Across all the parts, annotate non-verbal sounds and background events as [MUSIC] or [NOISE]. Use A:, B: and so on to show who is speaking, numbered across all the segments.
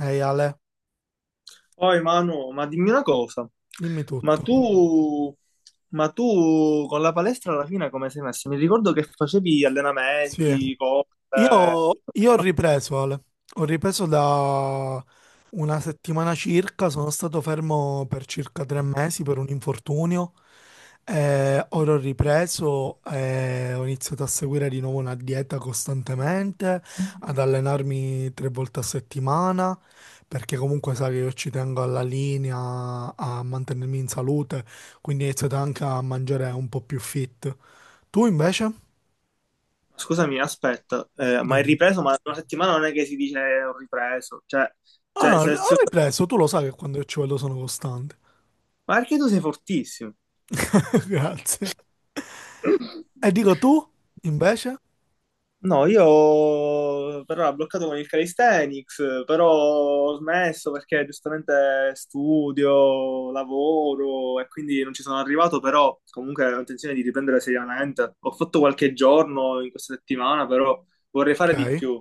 A: Ehi Ale,
B: Poi Manu, ma dimmi una cosa,
A: dimmi
B: ma
A: tutto.
B: tu, ma tu con la palestra alla fine come sei messo? Mi ricordo che facevi
A: Sì.
B: allenamenti, cose.
A: Io ho ripreso, Ale. Ho ripreso da una settimana circa, sono stato fermo per circa 3 mesi per un infortunio. Ora ho ripreso, ho iniziato a seguire di nuovo una dieta costantemente, ad allenarmi 3 volte a settimana, perché comunque sai che io ci tengo alla linea, a mantenermi in salute, quindi ho iniziato anche a mangiare un po' più fit. Tu invece?
B: Scusami, aspetta, ma hai
A: Dimmi.
B: ripreso? Ma una settimana non è che si dice ho ripreso, cioè,
A: Ah, no, ho ripreso, tu lo sai che quando io ci vado sono costante.
B: ma perché tu sei fortissimo?
A: [LAUGHS] Grazie. E dico tu, invece?
B: No, io però l'ho bloccato con il calisthenics, però ho smesso perché giustamente studio, lavoro e quindi non ci sono arrivato, però comunque ho intenzione di riprendere seriamente. Ho fatto qualche giorno in questa settimana, però vorrei
A: Ok,
B: fare di più.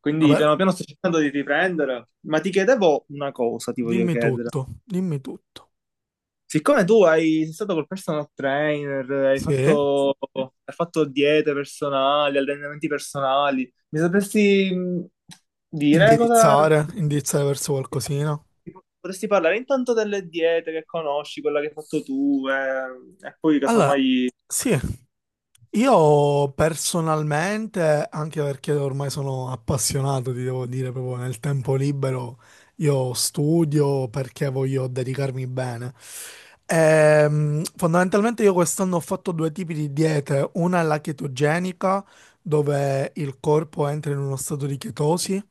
B: Quindi
A: vabbè,
B: piano piano sto cercando di riprendere, ma ti chiedevo una cosa, ti voglio
A: dimmi
B: chiedere.
A: tutto, dimmi tutto.
B: Siccome tu hai, sei stato col personal trainer, hai, sì,
A: Sì,
B: fatto, hai fatto diete personali, allenamenti personali, mi sapresti dire cosa
A: indirizzare verso qualcosina.
B: potresti parlare intanto delle diete che conosci, quella che hai fatto tu, e poi
A: Allora,
B: casomai.
A: sì, io personalmente, anche perché ormai sono appassionato, ti devo dire, proprio nel tempo libero, io studio perché voglio dedicarmi bene. Fondamentalmente io quest'anno ho fatto due tipi di diete, una è la chetogenica, dove il corpo entra in uno stato di chetosi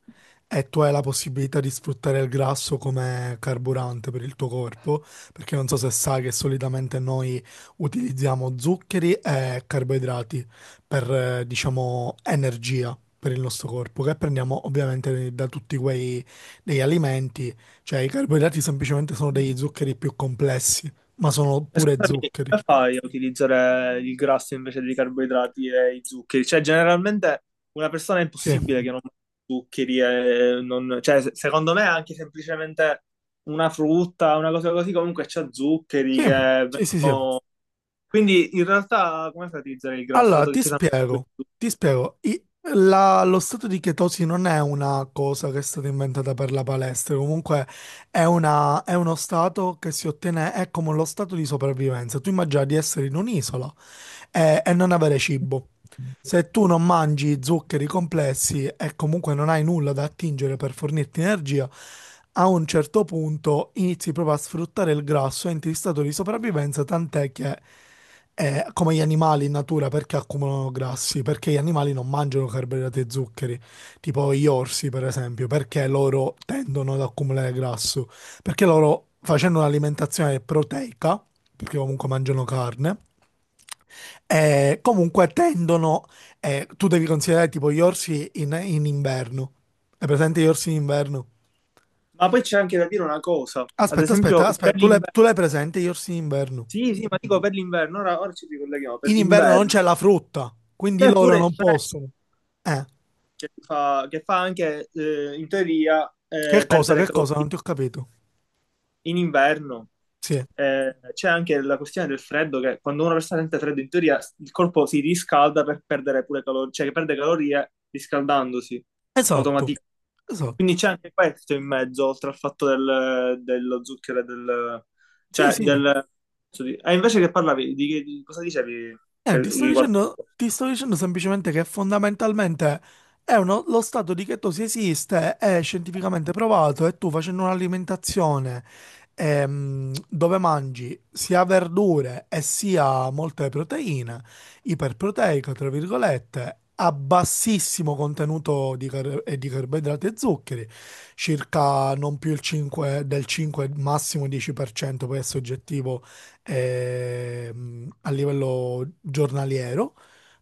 A: e tu hai la possibilità di sfruttare il grasso come carburante per il tuo corpo, perché non so se sai che solitamente noi utilizziamo zuccheri e carboidrati per, diciamo, energia per il nostro corpo, che prendiamo ovviamente da tutti quei degli alimenti, cioè i carboidrati semplicemente sono degli zuccheri più complessi, ma sono
B: E
A: pure
B: scusami,
A: zuccheri.
B: come fai a utilizzare il grasso invece dei carboidrati e i zuccheri? Cioè, generalmente una persona è
A: Sì,
B: impossibile che non mangi zuccheri e non. Cioè, secondo me anche semplicemente una frutta, una cosa così, comunque c'ha zuccheri
A: sì,
B: che
A: sì, sì, sì.
B: vengono. Quindi in realtà come fai a utilizzare il grasso,
A: Allora,
B: dato che
A: ti
B: ci sono
A: spiego,
B: questi zuccheri?
A: ti spiego. Lo stato di chetosi non è una cosa che è stata inventata per la palestra, comunque è uno stato che si ottiene, è come lo stato di sopravvivenza. Tu immagini di essere in un'isola, è non avere cibo. Se tu non mangi zuccheri complessi e comunque non hai nulla da attingere per fornirti energia, a un certo punto inizi proprio a sfruttare il grasso, e entri in stato di sopravvivenza, tant'è che è come gli animali in natura perché accumulano grassi, perché gli animali non mangiano carboidrati e zuccheri, tipo gli orsi per esempio, perché loro tendono ad accumulare grasso, perché loro facendo un'alimentazione proteica, perché comunque mangiano carne, comunque tendono, tu devi considerare tipo gli orsi in inverno. Hai presente gli orsi in inverno?
B: Ma poi c'è anche da dire una cosa, ad
A: Aspetta, aspetta,
B: esempio per
A: aspetta, tu l'hai
B: l'inverno.
A: tu l'hai presente gli orsi in inverno?
B: Sì, sì, ma dico per l'inverno, ora ci ricolleghiamo, per
A: In inverno non
B: l'inverno.
A: c'è la frutta, quindi
B: C'è
A: loro
B: pure il
A: non
B: freddo,
A: possono. Eh,
B: che fa anche, in teoria,
A: che cosa,
B: perdere
A: che cosa,
B: calorie
A: non ti ho capito.
B: in inverno.
A: Sì,
B: C'è anche la questione del freddo, che quando una persona sente freddo, in teoria il corpo si riscalda per perdere pure calorie, cioè che perde calorie riscaldandosi
A: esatto,
B: automaticamente. Quindi
A: esatto.
B: c'è anche questo in mezzo, oltre al fatto del, dello zucchero e del,
A: Sì,
B: cioè
A: sì.
B: del. Ah, invece che parlavi, di cosa dicevi
A: Ti sto
B: riguardo?
A: dicendo, ti sto dicendo semplicemente che fondamentalmente lo stato di chetosi esiste, è scientificamente provato e tu facendo un'alimentazione dove mangi sia verdure e sia molte proteine, iperproteica, tra virgolette, a bassissimo contenuto di, e di carboidrati e zuccheri, circa non più il 5, del 5, massimo 10%, poi è soggettivo a livello giornaliero,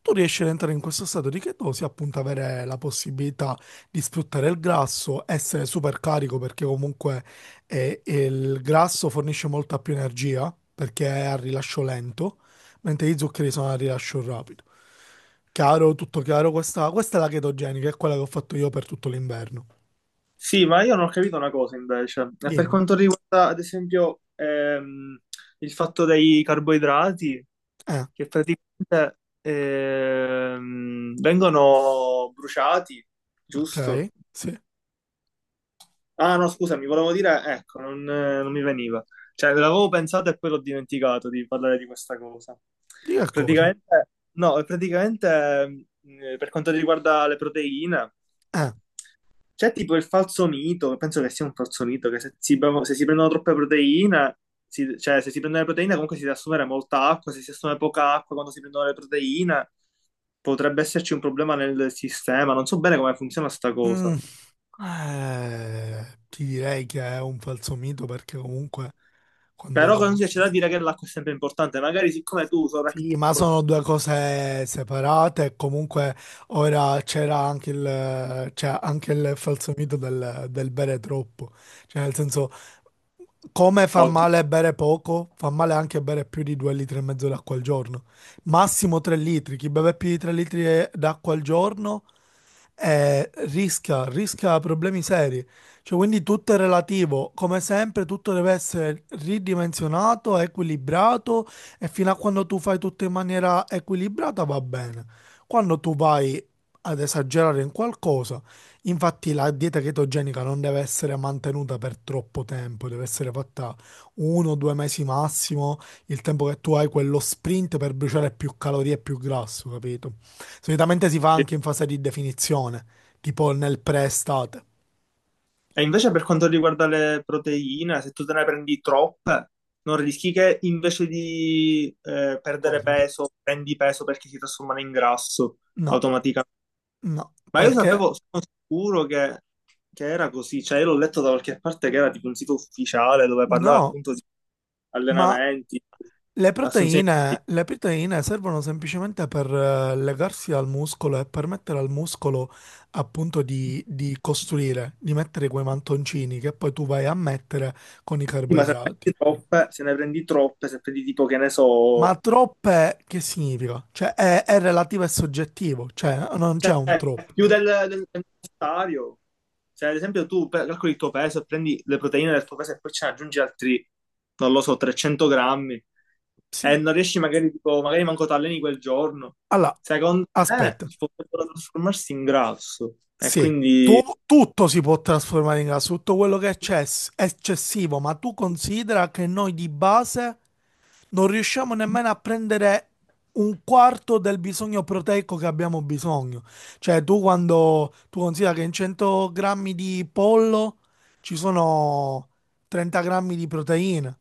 A: tu riesci ad entrare in questo stato di chetosi, appunto avere la possibilità di sfruttare il grasso, essere super carico perché comunque il grasso fornisce molta più energia perché è a rilascio lento, mentre gli zuccheri sono a rilascio rapido. Chiaro, tutto chiaro, questa è la chetogenica, è quella che ho fatto io per tutto l'inverno.
B: Sì, ma io non ho capito una cosa invece. E per
A: Dimmi.
B: quanto riguarda, ad esempio, il fatto dei carboidrati,
A: Eh,
B: che praticamente vengono bruciati,
A: ok,
B: giusto?
A: sì.
B: Ah, no, scusami, volevo dire, ecco, non, non mi veniva. Cioè, l'avevo pensato e poi l'ho dimenticato di parlare di questa cosa.
A: Di che cosa?
B: Praticamente, no, praticamente, per quanto riguarda le proteine.
A: Eh.
B: C'è tipo il falso mito, penso che sia un falso mito, che se si prendono troppe proteine, cioè se si prendono le proteine comunque si deve assumere molta acqua, se si assume poca acqua quando si prendono le proteine potrebbe esserci un problema nel sistema, non so bene come funziona sta
A: Mm.
B: cosa.
A: Ti direi che è un falso mito perché comunque
B: Però
A: quando.
B: comunque c'è da dire che l'acqua è sempre importante, magari siccome tu
A: Sì, ma
B: sovraccalcoli.
A: sono due cose separate e comunque ora c'era anche c'è anche il falso mito del bere troppo. Cioè, nel senso, come fa
B: Oddio.
A: male bere poco, fa male anche bere più di 2 litri e mezzo d'acqua al giorno. Massimo 3 litri. Chi beve più di 3 litri d'acqua al giorno rischia problemi seri. Cioè, quindi tutto è relativo, come sempre tutto deve essere ridimensionato, equilibrato e fino a quando tu fai tutto in maniera equilibrata va bene. Quando tu vai ad esagerare in qualcosa, infatti la dieta chetogenica non deve essere mantenuta per troppo tempo, deve essere fatta 1 o 2 mesi massimo, il tempo che tu hai quello sprint per bruciare più calorie e più grasso, capito? Solitamente si fa anche in fase di definizione, tipo nel pre-estate.
B: E invece per quanto riguarda le proteine, se tu te ne prendi troppe, non rischi che invece di perdere
A: Cosa?
B: peso, prendi peso perché si trasformano in grasso
A: No,
B: automaticamente.
A: no,
B: Ma io
A: perché
B: sapevo, sono sicuro che era così, cioè io l'ho letto da qualche parte che era tipo un sito ufficiale dove parlava
A: no,
B: appunto di
A: ma
B: allenamenti,
A: le
B: assunzioni,
A: proteine, le proteine servono semplicemente per legarsi al muscolo e permettere al muscolo appunto di costruire, di mettere quei mantoncini che poi tu vai a mettere con i
B: proteine. Ma se ne
A: carboidrati.
B: prendi troppe, se ne prendi troppe, se prendi tipo che ne
A: Ma
B: so,
A: troppe che significa? Cioè è relativo e soggettivo, cioè non c'è
B: cioè
A: un troppo.
B: più del necessario. Cioè, ad esempio, tu calcoli il tuo peso e prendi le proteine del tuo peso e poi ce ne aggiungi altri, non lo so, 300 grammi e
A: Sì.
B: non riesci magari, tipo, magari manco t'alleni quel giorno.
A: Allora,
B: Secondo me
A: aspetta,
B: potrebbero trasformarsi in grasso e
A: sì,
B: quindi
A: tutto si può trasformare in gas, tutto quello che è eccessivo, ma tu considera che noi di base non riusciamo nemmeno a prendere un quarto del bisogno proteico che abbiamo bisogno. Cioè, tu quando tu considera che in 100 grammi di pollo ci sono 30 grammi di proteine,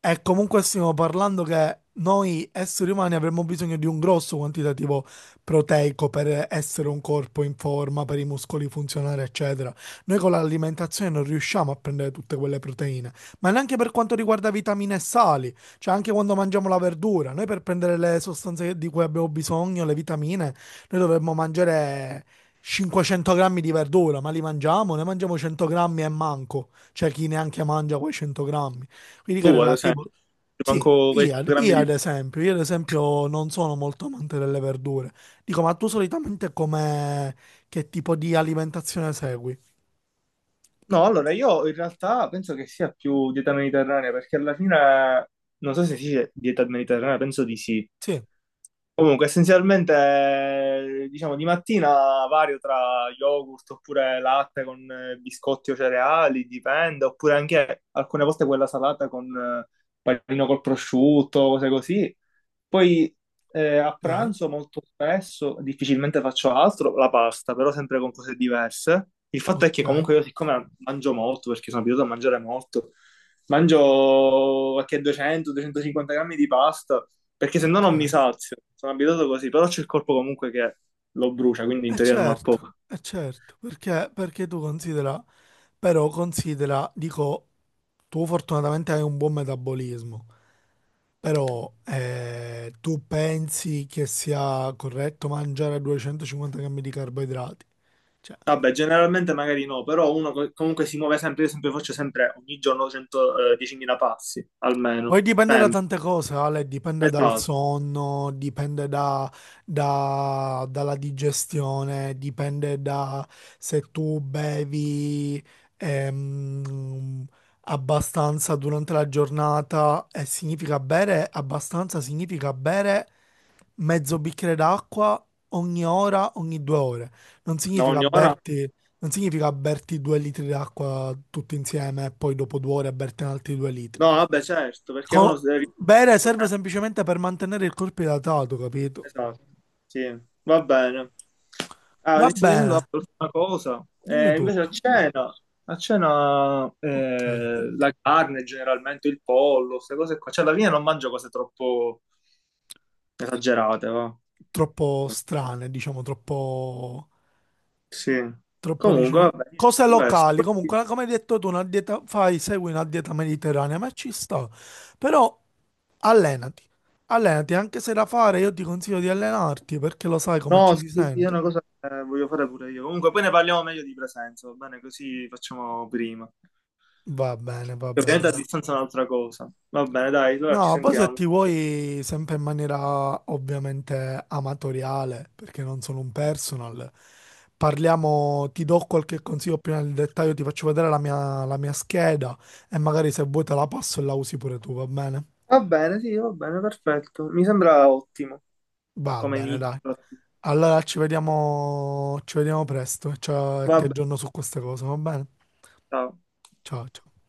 A: e comunque stiamo parlando che noi esseri umani avremmo bisogno di un grosso quantitativo proteico per essere un corpo in forma, per i muscoli funzionare, eccetera. Noi con l'alimentazione non riusciamo a prendere tutte quelle proteine, ma neanche per quanto riguarda vitamine e sali, cioè anche quando mangiamo la verdura, noi per prendere le sostanze di cui abbiamo bisogno, le vitamine, noi dovremmo mangiare 500 grammi di verdura, ma li mangiamo? Ne mangiamo 100 grammi e manco, c'è chi neanche mangia quei 100 grammi. Quindi cara,
B: tu, ad
A: la
B: esempio,
A: tipo. Sì,
B: manco quei grammi di.
A: io ad esempio non sono molto amante delle verdure. Dico, ma tu solitamente che tipo di alimentazione segui?
B: No, allora io in realtà penso che sia più dieta mediterranea perché alla fine, non so se si dice dieta mediterranea, penso di sì.
A: Sì,
B: Comunque, essenzialmente, diciamo, di mattina vario tra yogurt oppure latte con biscotti o cereali, dipende, oppure anche alcune volte quella salata con panino col prosciutto, cose così. Poi a
A: ok,
B: pranzo molto spesso, difficilmente faccio altro, la pasta, però sempre con cose diverse. Il fatto è
A: ok,
B: che comunque io siccome mangio molto, perché sono abituato a mangiare molto, mangio qualche 200-250 grammi di pasta perché se no non mi
A: ok.
B: sazio, sono abituato così, però c'è il corpo comunque che lo brucia, quindi in teoria sono a poco.
A: Certo, eh certo, perché tu considera, però considera, dico, tu fortunatamente hai un buon metabolismo, però tu pensi che sia corretto mangiare 250 grammi di carboidrati? Cioè,
B: Vabbè, generalmente magari no, però uno comunque si muove sempre, io sempre faccio sempre ogni giorno 100, 10.000 passi,
A: poi
B: almeno.
A: dipende da
B: Sempre.
A: tante cose, Ale, dipende dal
B: Esatto.
A: sonno, dipende dalla digestione, dipende da se tu bevi ehm, abbastanza durante la giornata e significa bere abbastanza, significa bere mezzo bicchiere d'acqua ogni ora, ogni 2 ore. Non
B: Da
A: significa
B: ogni ora?
A: berti, non significa berti 2 litri d'acqua tutti insieme e poi dopo 2 ore berti altri 2 litri.
B: No, vabbè, certo, perché uno si
A: Co-
B: deve.
A: Bere serve semplicemente per mantenere il corpo idratato, capito?
B: Esatto, sì, va bene. Ah,
A: Va
B: ti sto dicendo
A: bene,
B: una cosa,
A: dimmi
B: Invece a
A: tutto.
B: cena, a cena
A: Ok.
B: la carne generalmente, il pollo, queste cose qua, cioè alla fine non mangio cose troppo esagerate, va.
A: Troppo strane, diciamo,
B: Sì,
A: troppo,
B: comunque
A: diciamo.
B: vabbè, niente,
A: Cose
B: questo.
A: locali, comunque, come hai detto tu, una dieta, fai, segui una dieta mediterranea, ma ci sta. Però allenati, allenati, anche se da fare io ti consiglio di allenarti, perché lo sai come
B: No,
A: ci si
B: sì, sì, è
A: sente.
B: una cosa che voglio fare pure io. Comunque poi ne parliamo meglio di presenza, va bene? Così facciamo prima.
A: Va
B: Che
A: bene,
B: ovviamente a
A: dai.
B: distanza è un'altra cosa. Va bene, dai, allora ci
A: No, poi se
B: sentiamo.
A: ti vuoi, sempre in maniera ovviamente amatoriale, perché non sono un personal, parliamo, ti do qualche consiglio più nel dettaglio, ti faccio vedere la mia scheda e magari se vuoi te la passo e la usi pure tu, va bene?
B: Va bene, sì, va bene, perfetto. Mi sembra ottimo
A: Va
B: come
A: bene,
B: inizio.
A: dai. Allora ci vediamo presto, ciao, e
B: Va
A: ti
B: bene,
A: aggiorno su queste cose, va bene?
B: ciao.
A: Ciao, ciao.